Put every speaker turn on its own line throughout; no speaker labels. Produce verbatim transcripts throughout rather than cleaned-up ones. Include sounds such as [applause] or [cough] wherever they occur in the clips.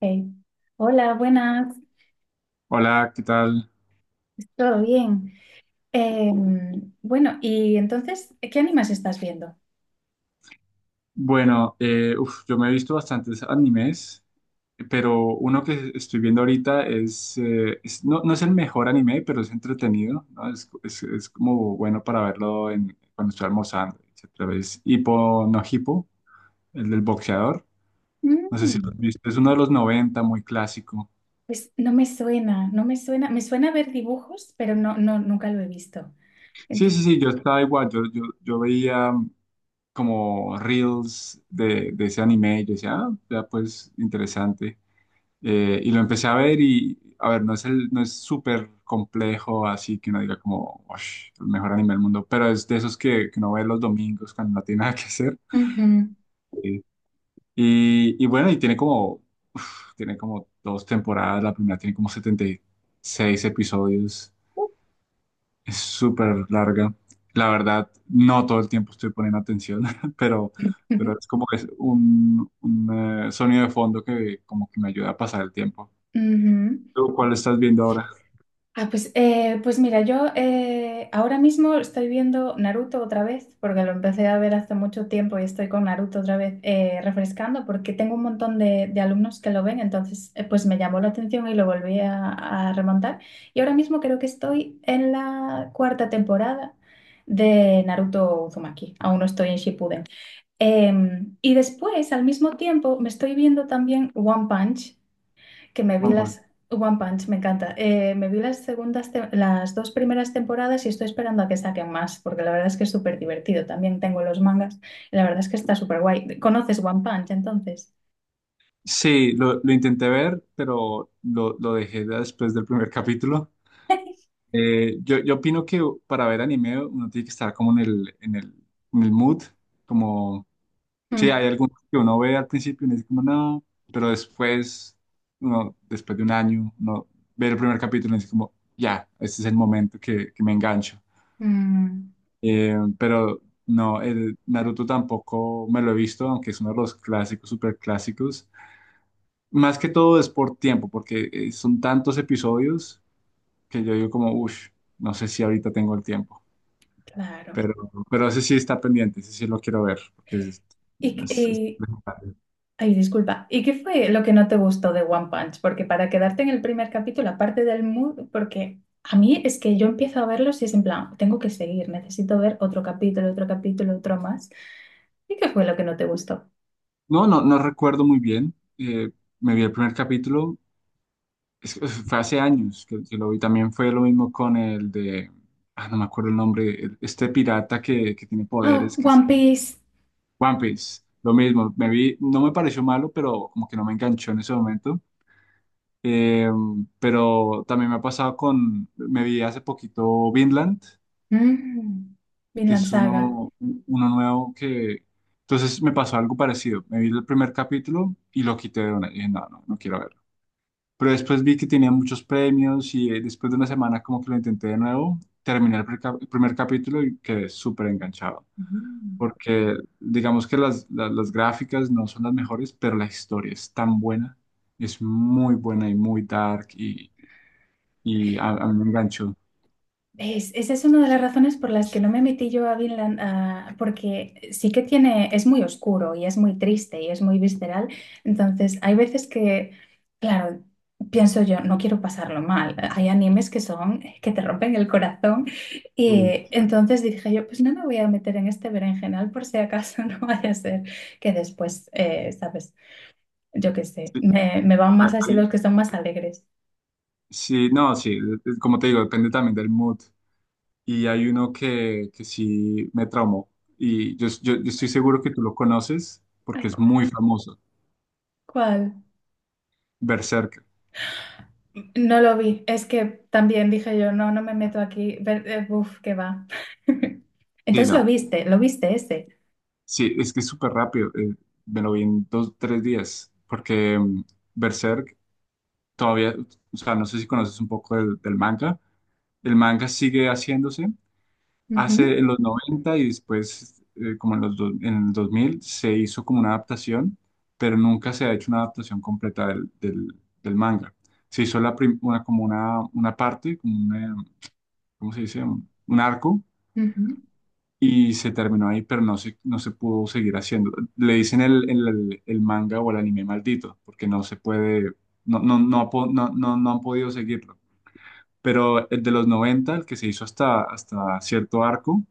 Hey. Hola, buenas.
Hola, ¿qué tal?
¿Todo bien? Em, bueno, y entonces, ¿qué animas estás viendo?
Bueno, eh, uf, yo me he visto bastantes animes, pero uno que estoy viendo ahorita es, eh, es- no, no es el mejor anime, pero es entretenido, ¿no? Es, es- es como bueno para verlo en, cuando estoy almorzando, etcétera. Es Hippo no Hippo, el del boxeador. No sé si lo has
Mm,
visto, es uno de los noventa, muy clásico.
pues no me suena, no me suena. Me suena ver dibujos, pero no, no, nunca lo he visto.
Sí,
Ento-
sí, sí, yo estaba igual, yo, yo, yo veía mm, como reels de, de ese anime y yo decía, ah, ya pues interesante. Eh, y lo empecé a ver y, a ver, no es el, no es súper complejo, así que uno diga como, "Ush, el mejor anime del mundo, pero es de esos que, que uno ve los domingos cuando no tiene [laughs] nada que hacer. Sí. Y, y bueno, y tiene como, uf, tiene como dos temporadas, la primera tiene como setenta y seis episodios, es súper larga. La verdad, no todo el tiempo estoy poniendo atención, [laughs] pero,
Ujú,
pero
[laughs]
es como que es un, un eh, sonido de fondo que como que me ayuda a pasar el tiempo.
ujú.
¿Tú cuál estás viendo ahora?
Ah, pues, eh, pues mira, yo eh, ahora mismo estoy viendo Naruto otra vez, porque lo empecé a ver hace mucho tiempo y estoy con Naruto otra vez eh, refrescando, porque tengo un montón de, de alumnos que lo ven, entonces eh, pues me llamó la atención y lo volví a, a remontar. Y ahora mismo creo que estoy en la cuarta temporada de Naruto Uzumaki, aún no estoy en Shippuden. Em, y después, al mismo tiempo, me estoy viendo también One Punch que me vi
One Punch.
las... One Punch, me encanta. Eh, me vi las segundas, te- las dos primeras temporadas y estoy esperando a que saquen más, porque la verdad es que es súper divertido. También tengo los mangas y la verdad es que está súper guay. ¿Conoces One Punch entonces?
Sí, lo, lo intenté ver, pero lo, lo dejé después del primer [laughs] capítulo.
[laughs]
Eh, yo, yo opino que para ver anime uno tiene que estar como en el, en el, en el mood, como, sí, hay
Mm,
algunos que uno ve al principio y uno dice como, no, pero después, uno, después de un año, uno ve el primer capítulo y dice como, ya, este es el momento que, que me engancho.
mm,
Eh, pero no, el Naruto tampoco me lo he visto, aunque es uno de los clásicos, super clásicos. Más que todo es por tiempo, porque eh, son tantos episodios que yo digo como, uff, no sé si ahorita tengo el tiempo,
claro.
pero, pero ese sí está pendiente, ese sí lo quiero ver. Porque es-
Y, qué-
es- es-
y- Ay, disculpa. ¿Y qué fue lo que no te gustó de One Punch? Porque para quedarte en el primer capítulo, aparte del mood, porque a mí es que yo empiezo a verlos y es en plan, tengo que seguir, necesito ver otro capítulo, otro capítulo, otro más. ¿Y qué fue lo que no te gustó?
No, no, no recuerdo muy bien, eh, me vi el primer capítulo, es- es- fue hace años que, que lo vi. También fue lo mismo con el de, ah, no me acuerdo el nombre, el- este pirata que, que tiene
Oh,
poderes, que es
One Piece.
One Piece. Lo mismo, me vi, no me pareció malo, pero como que no me enganchó en ese momento. Eh, pero también me ha pasado con, me vi hace poquito Vinland,
Mm,
que
Vinland
es
Saga.
uno, uno nuevo que... Entonces me pasó algo parecido. Me vi el primer capítulo y lo quité de una. Y dije, no, no, no quiero verlo. Pero después vi que tenía muchos premios y, eh, después de una semana, como que lo intenté de nuevo, terminé el, pre- el primer capítulo y quedé súper enganchado.
Mm.
Porque digamos que las, las, las gráficas no son las mejores, pero la historia es tan buena, es muy buena y muy dark y a, a mí me enganchó.
¿Ves? Esa es una de las razones por las que no me metí yo a Vinland, ah, porque sí que tiene, es muy oscuro y es muy triste y es muy visceral. Entonces, hay veces que, claro, pienso yo, no quiero pasarlo mal. Hay animes que son, que te rompen el corazón.
Uy.
Y entonces dije yo, pues no me voy a meter en este berenjenal por si acaso [laughs] no vaya a ser que después, eh, ¿sabes? Yo qué sé,
Sí,
me, me van
hay-
más así los
hay-
que son más alegres.
sí, no, sí, es- como te digo, depende también del mood. Y hay uno que, que sí me traumó. Y yo, yo, yo estoy seguro que tú lo conoces porque
Ay,
es
¿cuál?
muy famoso.
¿Cuál?
Berserk.
No lo vi, es que también dije yo, no, no me meto aquí, Ver- eh, uf, qué va. [laughs]
Sí,
Entonces lo
no.
viste, lo viste ese.
Sí, es que es súper rápido. Eh, me lo vi en dos, tres días. Porque mm, Berserk todavía, o sea, no sé si conoces un poco del, del manga. El manga sigue haciéndose. Hace en
Ujú,
los noventa y después, eh, como en los do- en el dos mil, se hizo como una adaptación, pero nunca se ha hecho una adaptación completa del, del- del manga. Se hizo la prim- una, como una, una parte, como una-, ¿cómo se dice? Un, un arco,
ujú.
y se terminó ahí, pero no se, no se pudo seguir haciendo. Le dicen el, el- el manga o el anime maldito, porque no se puede, no, no, no, ha po- no, no, no han podido seguirlo. Pero el de los noventa, el que se hizo hasta, hasta cierto arco,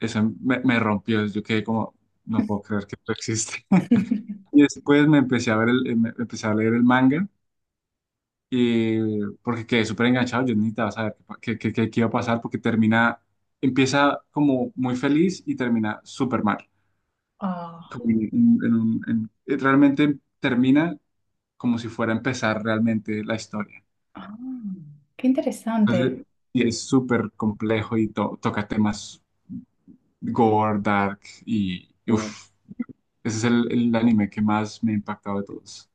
esa me, me rompió. Yo quedé como, no puedo creer que esto existe. [laughs] Y después me empecé a ver el, em- empecé a leer el manga, y, porque quedé súper enganchado, yo necesitaba saber qué, qué, qué- qué iba a pasar, porque termina, empieza como muy feliz y termina súper mal.
Ah,
Como en- en- en un- en- eh, realmente termina como si fuera a empezar realmente la historia.
ah, qué interesante.
Entonces, y es súper complejo y to- toca temas gore, dark y. uff Ese es el, el anime que más me ha impactado de todos.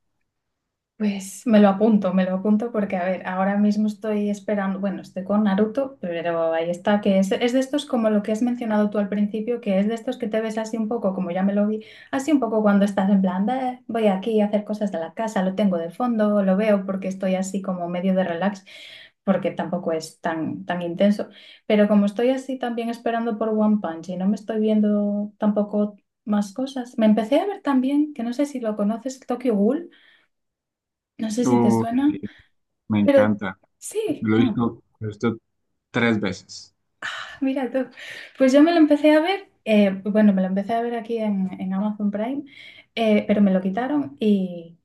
Pues me lo apunto, me lo apunto porque, a ver, ahora mismo estoy esperando, bueno, estoy con Naruto, pero ahí está, que es, es de estos como lo que has mencionado tú al principio, que es de estos que te ves así un poco, como ya me lo vi, así un poco cuando estás en plan, "Bah, voy aquí a hacer cosas de la casa, lo tengo de fondo, lo veo porque estoy así como medio de relax, porque tampoco es tan, tan intenso, pero como estoy así también esperando por One Punch y no me estoy viendo tampoco más cosas, me empecé a ver también, que no sé si lo conoces, Tokyo Ghoul. No sé si te
Uy,
suena,
me
pero
encanta.
sí.
Lo he
Ah,
visto, lo he visto tres veces.
mira tú. Pues yo me lo empecé a ver, eh, bueno, me lo empecé a ver aquí en, en Amazon Prime, eh, pero me lo quitaron y,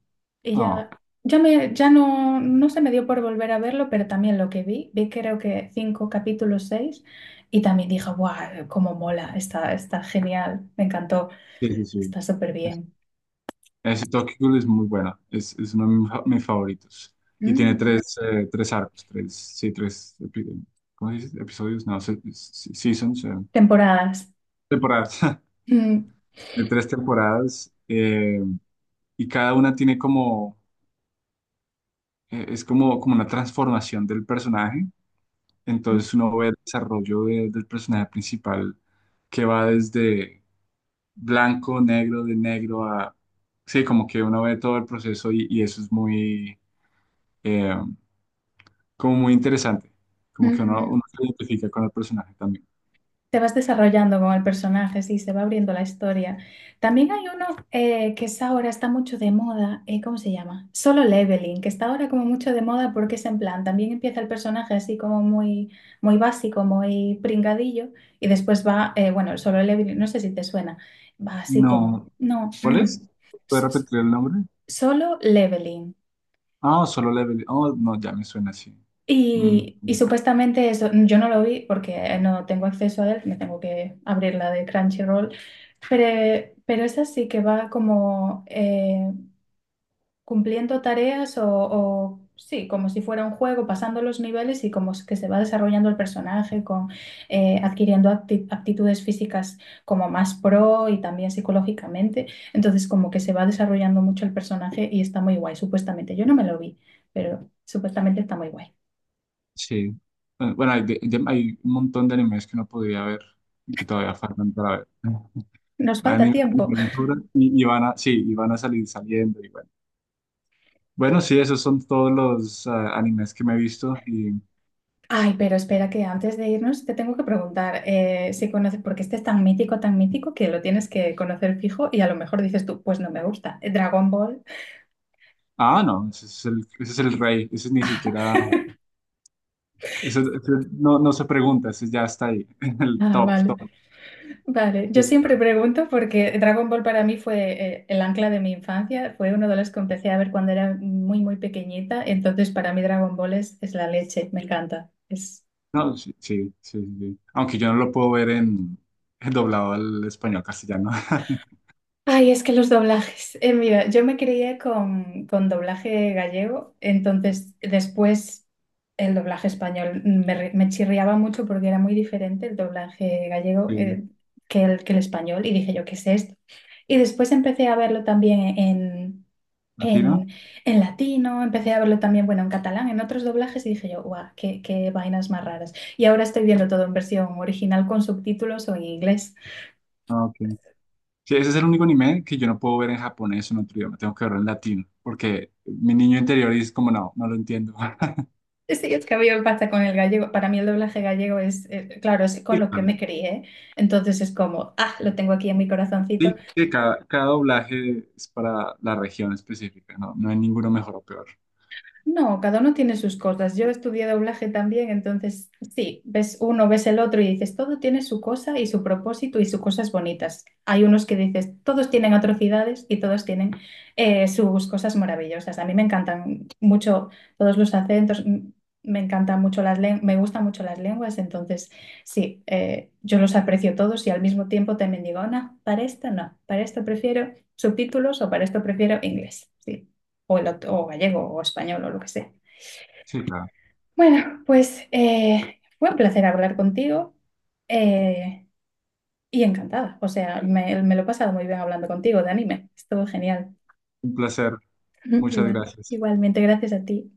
y ya,
Oh,
ya, me, ya no, no se me dio por volver a verlo, pero también lo que vi, vi creo que cinco capítulos, seis, y también dije, ¡guau! ¡Cómo mola! Está, está genial, me encantó,
sí, sí, sí.
está súper bien.
Ese Tokyo Ghoul es muy bueno. Es, es uno de mis fa- mis favoritos. Y tiene
Mm,
tres, eh, tres arcos, tres, sí, tres, epi- ¿cómo se dice? Episodios, no, se- se- seasons, eh,
temporadas.
temporadas. [laughs]
Mm,
De tres temporadas. Eh, y cada una tiene como, eh, es como, como una transformación del personaje. Entonces uno ve el desarrollo de- del personaje principal, que va desde blanco, negro, de negro a... Sí, como que uno ve todo el proceso, y y eso es muy, eh, como muy interesante. Como que uno,
ujú.
uno se identifica con el personaje también.
Te vas desarrollando con el personaje, sí, se va abriendo la historia. También hay uno eh, que es ahora está mucho de moda, eh, ¿cómo se llama? Solo Leveling, que está ahora como mucho de moda porque es en plan, también empieza el personaje así como muy, muy básico, muy pringadillo, y después va, eh, bueno, el Solo Leveling, no sé si te suena, va así como,
No,
no,
¿cuál
mm,
es? ¿Puedes
s- s-
repetir el nombre?
Solo Leveling.
Ah, no, solo Level. Oh, no, ya me suena así. Mm,
Y, y supuestamente eso, yo no lo vi porque no tengo acceso a él, me tengo que abrir la de Crunchyroll, pero, pero esa sí que va como eh, cumpliendo tareas o, o sí, como si fuera un juego, pasando los niveles y como que se va desarrollando el personaje, con, eh, adquiriendo acti- aptitudes físicas como más pro y también psicológicamente. Entonces como que se va desarrollando mucho el personaje y está muy guay, supuestamente. Yo no me lo vi, pero supuestamente está muy guay.
sí. Bueno, hay, de- de- hay un montón de animes que no podía ver y que todavía faltan para ver.
Nos
Van
falta
en
tiempo.
van en aventura y, y van a, sí, y van a salir saliendo y bueno. Bueno, sí, esos son todos los ah, animes que me he visto y...
Ay, pero espera que antes de irnos te tengo que preguntar eh, si conoces, porque este es tan mítico, tan mítico que lo tienes que conocer fijo y a lo mejor dices tú, pues no me gusta. Eh, Dragon Ball.
Ah, no, ese es el, ese es el rey, ese ni siquiera, ese- ese no, no se pregunta, ese ya está ahí, [laughs] en el
Ah,
top,
vale,
top.
vale. Yo
Sí.
siempre pregunto porque Dragon Ball para mí fue eh, el ancla de mi infancia, fue uno de los que empecé a ver cuando era muy, muy pequeñita, entonces para mí Dragon Ball es, es la leche, me encanta. Es
No, sí, sí, sí, sí. Aunque yo no lo puedo ver en, en doblado al español castellano. [laughs]
ay, es que los doblajes. Eh, mira, yo me crié con, con doblaje gallego, entonces después el doblaje español me, re- me chirriaba mucho porque era muy diferente el doblaje gallego
Sí.
eh, que el, que el español y dije yo, ¿qué es esto? Y después empecé a verlo también en,
¿Latino?
en, en latino, empecé a verlo también, bueno, en catalán, en otros doblajes y dije yo, guau, qué, qué vainas más raras. Y ahora estoy viendo todo en versión original con subtítulos o en inglés.
Ah, ok. Sí, ese es el único anime que yo no puedo ver en japonés o en otro idioma. Tengo que verlo en latino, porque mi niño interior es como, no, no lo entiendo. [laughs]
Sí, es que a mí me pasa con el gallego. Para mí el doblaje gallego es, eh, claro, es con
Sí,
lo que
claro.
me crié. Entonces es como, ah, lo tengo aquí en mi corazoncito.
Sí, que cada, cada doblaje es para la región específica, no, no hay ninguno mejor o peor.
No, cada uno tiene sus cosas. Yo estudié doblaje también, entonces sí, ves uno, ves el otro y dices, todo tiene su cosa y su propósito y sus cosas bonitas. Hay unos que dices, todos tienen atrocidades y todos tienen eh, sus cosas maravillosas. A mí me encantan mucho todos los acentos, m- me encantan mucho las lenguas, me gustan mucho las lenguas, entonces sí, eh, yo los aprecio todos y al mismo tiempo también digo, no, para esto no, para esto prefiero subtítulos o para esto prefiero inglés. Sí o, el ot- o gallego o español o lo que sea.
Sí, claro.
Bueno, pues eh, fue un placer hablar contigo eh, y encantada. O sea, me, me lo he pasado muy bien hablando contigo de anime. Estuvo genial.
Un placer.
[laughs]
Muchas
Igual,
gracias.
igualmente, gracias a ti.